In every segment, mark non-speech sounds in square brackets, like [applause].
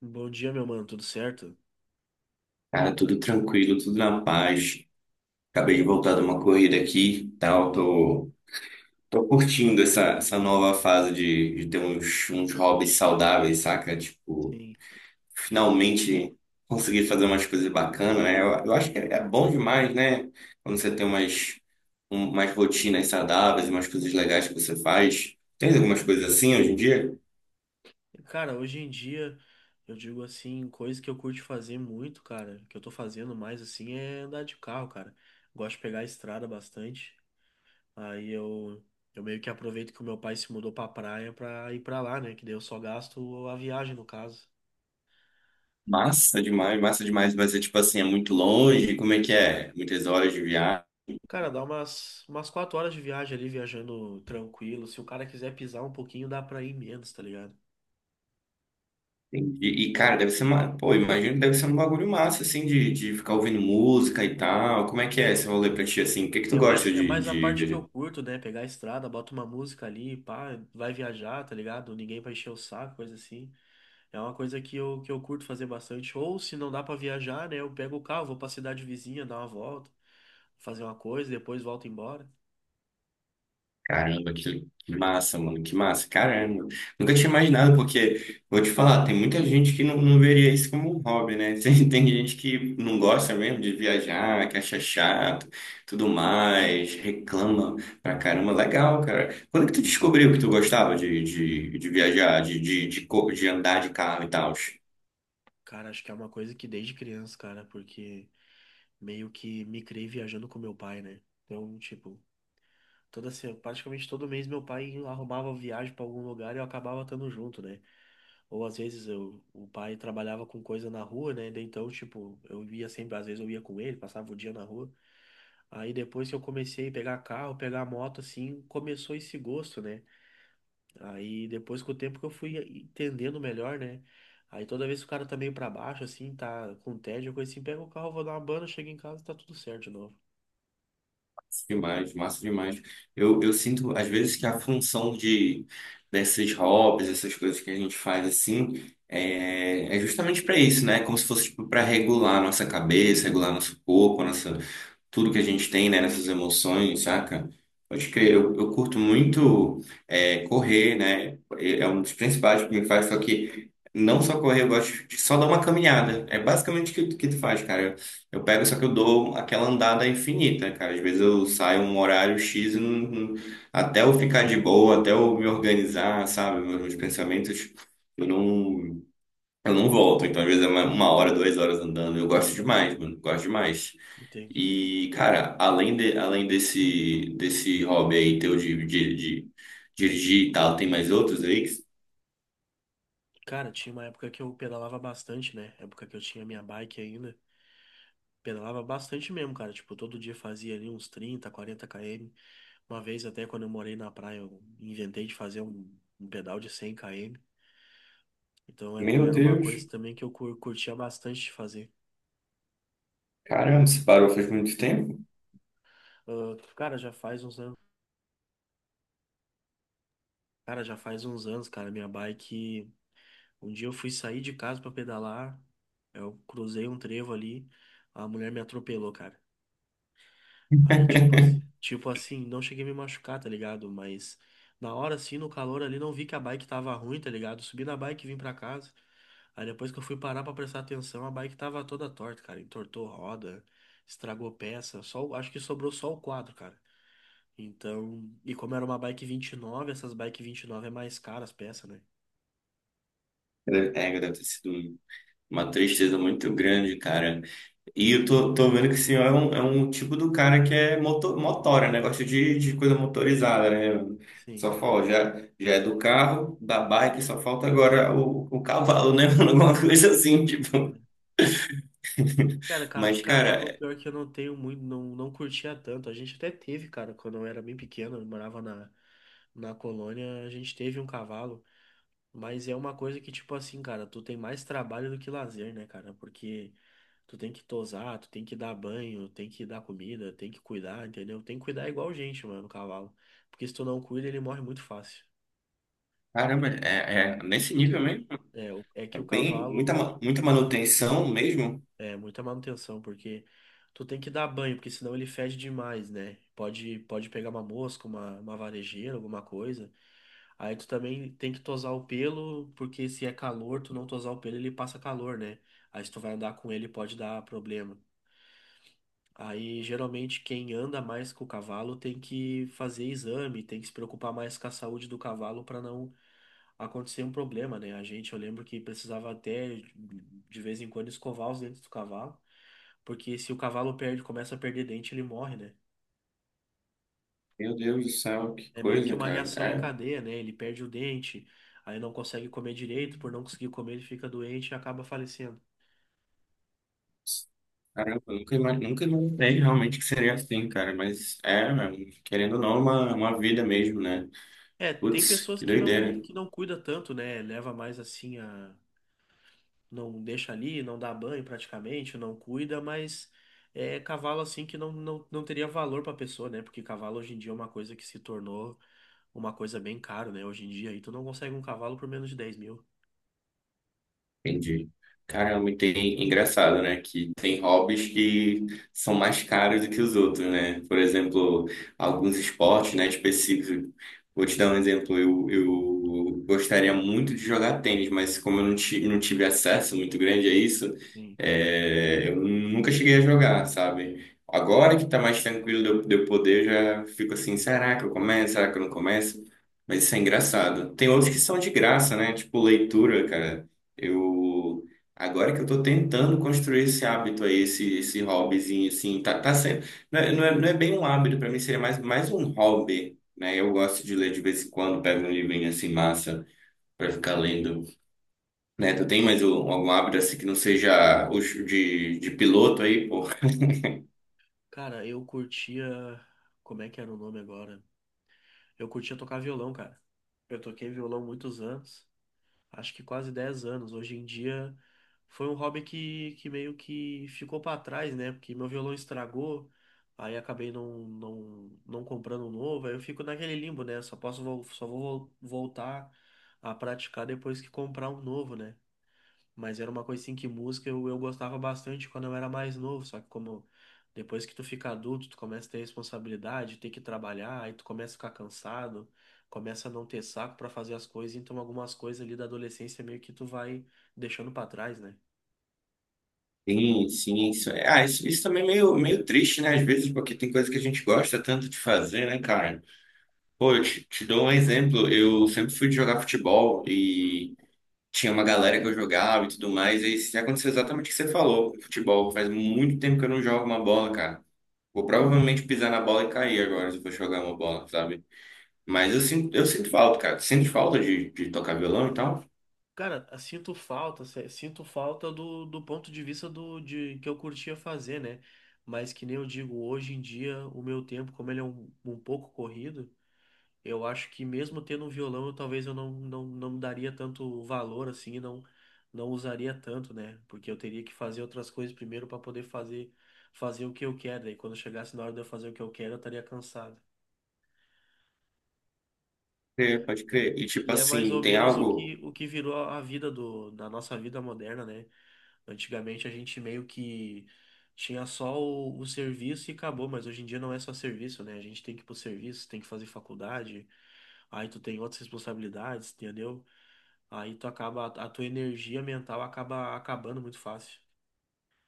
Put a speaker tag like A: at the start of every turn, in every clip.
A: Bom dia, meu mano, tudo certo?
B: Cara, tudo tranquilo, tudo na paz. Acabei de voltar de uma corrida aqui, tal. Tô curtindo essa nova fase de ter uns hobbies saudáveis, saca? Tipo,
A: Sim.
B: finalmente conseguir fazer umas coisas bacanas, né? Eu acho que é bom demais, né? Quando você tem umas, umas rotinas saudáveis, umas coisas legais que você faz. Tem algumas coisas assim hoje em dia?
A: Cara, hoje em dia, eu digo assim, coisa que eu curto fazer muito, cara, que eu tô fazendo mais assim é andar de carro, cara. Gosto de pegar a estrada bastante. Aí eu meio que aproveito que o meu pai se mudou pra praia pra ir pra lá, né? Que daí eu só gasto a viagem, no caso.
B: Massa demais, massa demais. Vai ser tipo assim, é muito longe. Como é que é? Muitas horas de viagem.
A: Cara, dá umas 4 horas de viagem ali, viajando tranquilo. Se o cara quiser pisar um pouquinho, dá pra ir menos, tá ligado?
B: Entendi. E, cara, deve ser uma. Pô, imagino que deve ser um bagulho massa, assim, de ficar ouvindo música e tal. Como é que é
A: É,
B: esse rolê pra ti, assim? O que que tu
A: É
B: gosta
A: mais, é
B: de,
A: mais a
B: de...
A: parte que
B: viajar?
A: eu curto, né? Pegar a estrada, bota uma música ali, pá, vai viajar, tá ligado? Ninguém vai encher o saco, coisa assim. É uma coisa que eu curto fazer bastante. Ou se não dá pra viajar, né? Eu pego o carro, vou pra cidade vizinha, dar uma volta, fazer uma coisa, depois volto embora.
B: Caramba, que massa, mano, que massa, caramba. Nunca tinha imaginado, porque, vou te falar, tem muita gente que não veria isso como um hobby, né? [laughs] Tem gente que não gosta
A: É.
B: mesmo de viajar, que acha chato, tudo mais, reclama pra caramba. Legal, cara. Quando que tu descobriu que tu gostava de viajar, de andar de carro e tal?
A: Cara, acho que é uma coisa que desde criança, cara, porque meio que me criei viajando com meu pai, né? Então, tipo, Toda se- praticamente todo mês meu pai arrumava viagem para algum lugar e eu acabava estando junto, né? Ou às vezes o pai trabalhava com coisa na rua, né? Daí então, tipo, eu ia sempre, às vezes eu ia com ele, passava o dia na rua. Aí depois que eu comecei a pegar carro, pegar moto, assim, começou esse gosto, né? Aí depois com o tempo que eu fui entendendo melhor, né? Aí toda vez que o cara tá meio pra baixo, assim, tá com tédio, coisa assim, pega o carro, vou dar uma banda, chego em casa, tá tudo certo de novo.
B: Demais, massa demais. Eu sinto, às vezes, que a função de desses hobbies, essas coisas que a gente faz assim, é justamente para isso, né? Como se fosse tipo, para regular a nossa cabeça, regular nosso corpo, nossa tudo que a gente tem, né, nessas emoções, saca? Pode crer, eu curto muito é, correr, né? É um dos principais que me faz, só que não só correr, eu gosto de só dar uma caminhada. É basicamente o que, que tu faz, cara. Eu pego, só que eu dou aquela andada infinita, cara. Às vezes eu saio um horário X e até eu ficar de boa, até eu me organizar, sabe? Meus pensamentos, eu não, eu não volto. Então, às vezes é uma hora, duas horas andando. Eu gosto demais, mano. Gosto demais.
A: Entendi.
B: E, cara, além desse, desse hobby aí teu de dirigir e tal, tem mais outros aí?
A: Cara, tinha uma época que eu pedalava bastante, né? Época que eu tinha minha bike ainda. Pedalava bastante mesmo, cara. Tipo, todo dia fazia ali uns 30, 40 km. Uma vez até quando eu morei na praia, eu inventei de fazer um pedal de 100 km. Então era,
B: Meu
A: era uma
B: Deus,
A: coisa também que eu curtia bastante de fazer.
B: caramba, você parou faz muito tempo?
A: Ah, cara, já faz uns anos. Cara, já faz uns anos, cara. Minha bike. Um dia eu fui sair de casa pra pedalar. Eu cruzei um trevo ali. A mulher me atropelou, cara. Aí, tipo, tipo assim, não cheguei a me machucar, tá ligado? Mas na hora, assim, no calor ali, não vi que a bike tava ruim, tá ligado? Subi na bike e vim pra casa. Aí depois que eu fui parar pra prestar atenção, a bike tava toda torta, cara. Entortou roda, estragou peça. Só, acho que sobrou só o quadro, cara. Então, e como era uma bike 29, essas bike 29 é mais caras as peças, né?
B: Deve ter sido uma tristeza muito grande, cara. E eu tô vendo que o senhor é é um tipo do cara que é motora, né? Gosta de coisa motorizada, né?
A: Sim.
B: Só falta, já é do carro, da bike, só falta agora o cavalo, né? [laughs] Alguma coisa assim, tipo.
A: Cara,
B: Mas,
A: cavalo,
B: cara,
A: pior que eu não tenho muito, não curtia tanto. A gente até teve, cara, quando eu era bem pequeno, eu morava na, na colônia, a gente teve um cavalo. Mas é uma coisa que, tipo assim, cara, tu tem mais trabalho do que lazer, né, cara? Porque tu tem que tosar, tu tem que dar banho, tem que dar comida, tem que cuidar, entendeu? Tem que cuidar igual gente, mano, o cavalo. Porque se tu não cuida, ele morre muito fácil.
B: caramba, é nesse nível mesmo?
A: É, é
B: É
A: que o
B: bem,
A: cavalo.
B: muita manutenção mesmo?
A: É, muita manutenção, porque tu tem que dar banho, porque senão ele fede demais, né? Pode pegar uma mosca, uma varejeira, alguma coisa. Aí tu também tem que tosar o pelo, porque se é calor, tu não tosar o pelo, ele passa calor, né? Aí se tu vai andar com ele, pode dar problema. Aí geralmente quem anda mais com o cavalo tem que fazer exame, tem que se preocupar mais com a saúde do cavalo para não acontecia um problema, né? Eu lembro que precisava até de vez em quando escovar os dentes do cavalo, porque se o cavalo perde, começa a perder dente, ele morre, né?
B: Meu Deus do céu, que
A: É meio que
B: coisa,
A: uma
B: cara.
A: reação em
B: É,
A: cadeia, né? Ele perde o dente, aí não consegue comer direito, por não conseguir comer, ele fica doente e acaba falecendo.
B: caramba, eu nunca, ima- nunca imaginei realmente que seria assim, cara. Mas é, mano, querendo ou não, é uma vida mesmo, né?
A: É, tem
B: Putz,
A: pessoas
B: que
A: que não
B: doideira.
A: que não cuida tanto, né? Leva mais assim a não deixa ali, não dá banho praticamente, não cuida, mas é cavalo assim que não teria valor pra pessoa, né? Porque cavalo hoje em dia é uma coisa que se tornou uma coisa bem cara, né? Hoje em dia aí tu não consegue um cavalo por menos de 10 mil.
B: Entendi. Caramba, e tem engraçado, né? Que tem hobbies que são mais caros do que os outros, né? Por exemplo, alguns esportes, né, específicos. Vou te dar um exemplo. Eu gostaria muito de jogar tênis, mas como eu não tive acesso muito grande a isso,
A: Sim,
B: é, eu nunca cheguei a jogar, sabe? Agora que tá mais tranquilo de eu poder, eu já fico assim, será que eu começo? Será que eu não começo? Mas isso é engraçado. Tem outros que são de graça, né? Tipo leitura, cara. Eu agora que eu tô tentando construir esse hábito aí, esse hobbyzinho assim, tá, tá sendo, não é bem um hábito para mim, seria mais um hobby, né? Eu gosto de
A: sim.
B: ler de vez em quando, pego um livrinho assim massa para ficar lendo, né? Tu tem mais algum hábito assim que não seja o de piloto aí, pô?
A: Cara, eu curtia. Como é que era o nome agora? Eu curtia tocar violão, cara. Eu toquei violão muitos anos, acho que quase 10 anos. Hoje em dia foi um hobby que meio que ficou pra trás, né? Porque meu violão estragou, aí acabei não comprando um novo, aí eu fico naquele limbo, né? Só vou voltar a praticar depois que comprar um novo, né? Mas era uma coisa assim que música eu gostava bastante quando eu era mais novo, só que como depois que tu fica adulto, tu começa a ter responsabilidade, ter que trabalhar, aí tu começa a ficar cansado, começa a não ter saco pra fazer as coisas, então algumas coisas ali da adolescência meio que tu vai deixando pra trás, né?
B: Sim, sim, isso também é meio triste, né? Às vezes, porque tem coisa que a gente gosta tanto de fazer, né, cara? Pô, te dou um exemplo. Eu sempre fui de jogar futebol e tinha uma galera que eu jogava e tudo mais, e aí aconteceu exatamente o que você falou com futebol. Faz muito tempo que eu não jogo uma bola, cara. Vou provavelmente pisar na bola e cair agora se eu for jogar uma bola, sabe? Mas eu sinto falta, cara. Sinto falta de tocar violão e tal.
A: Cara, eu sinto falta, sinto falta do ponto de vista do de que eu curtia fazer, né? Mas que nem eu digo, hoje em dia, o meu tempo, como ele é um pouco corrido, eu acho que mesmo tendo um violão, eu talvez eu não daria tanto valor assim, não usaria tanto, né? Porque eu teria que fazer outras coisas primeiro para poder fazer o que eu quero. E quando chegasse na hora de eu fazer o que eu quero, eu estaria cansado.
B: É, pode crer. E tipo
A: E é mais
B: assim,
A: ou
B: tem
A: menos
B: algo.
A: o que virou a vida do da nossa vida moderna, né? Antigamente a gente meio que tinha só o serviço e acabou, mas hoje em dia não é só serviço, né? A gente tem que ir pro serviço, tem que fazer faculdade, aí tu tem outras responsabilidades, entendeu? Aí tu acaba, a tua energia mental acaba acabando muito fácil.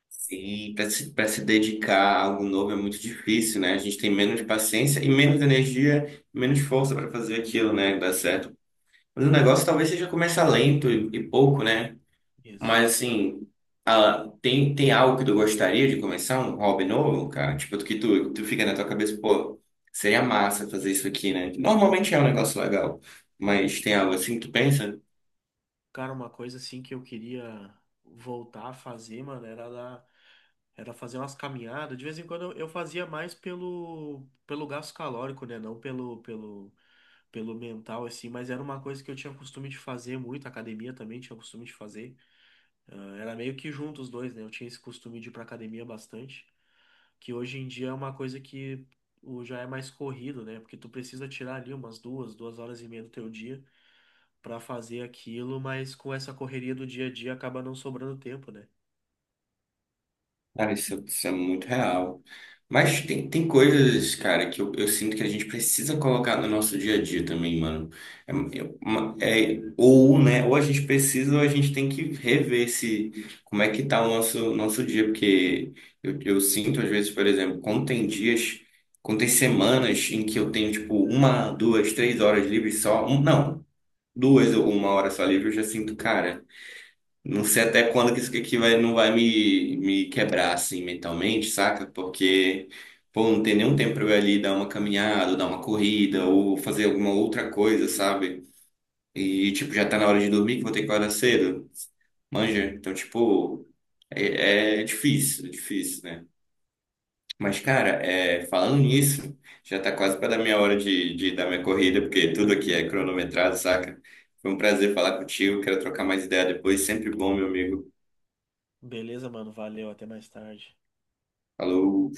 B: Sim, pra se dedicar a algo novo é muito difícil, né? A gente tem menos paciência e menos energia, menos força para fazer aquilo, né? Dar certo. Mas o negócio talvez seja começar lento e pouco, né?
A: Isso.
B: Mas assim, ah, tem algo que tu gostaria de começar, um hobby novo, cara? Tipo, que tu fica na tua cabeça, pô, seria massa fazer isso aqui, né? Normalmente é um negócio legal,
A: Sim.
B: mas tem algo assim que tu pensa?
A: Cara, uma coisa assim que eu queria voltar a fazer, mano, era fazer umas caminhadas. De vez em quando eu fazia mais pelo gasto calórico, né? Não pelo mental assim, mas era uma coisa que eu tinha costume de fazer muito, academia também tinha costume de fazer. Ah, era meio que junto os dois, né? Eu tinha esse costume de ir pra academia bastante. Que hoje em dia é uma coisa que já é mais corrido, né? Porque tu precisa tirar ali umas 2 horas e meia do teu dia pra fazer aquilo, mas com essa correria do dia a dia acaba não sobrando tempo, né?
B: Cara, isso é muito real. Mas tem coisas, cara, que eu sinto que a gente precisa colocar no nosso dia a dia também, mano. Ou a gente precisa, ou a gente tem que rever se, como é que tá nosso dia. Porque eu sinto, às vezes, por exemplo, quando tem semanas em que eu tenho, tipo, uma, duas, três horas livres só. Um, não, duas ou uma hora só livre, eu já sinto, cara. Não sei até quando que isso aqui vai, não vai me quebrar assim mentalmente, saca? Porque, pô, não tem nenhum tempo pra eu ir ali dar uma caminhada, ou dar uma corrida, ou fazer alguma outra coisa, sabe? E, tipo, já tá na hora de dormir, que vou ter que acordar cedo. Manja? Então, tipo, é difícil, né? Mas, cara, é, falando nisso, já tá quase pra dar minha hora de dar minha corrida, porque tudo aqui é cronometrado, saca? Foi um prazer falar contigo, quero trocar mais ideia depois, sempre bom, meu amigo.
A: Beleza, mano, valeu, até mais tarde.
B: Falou!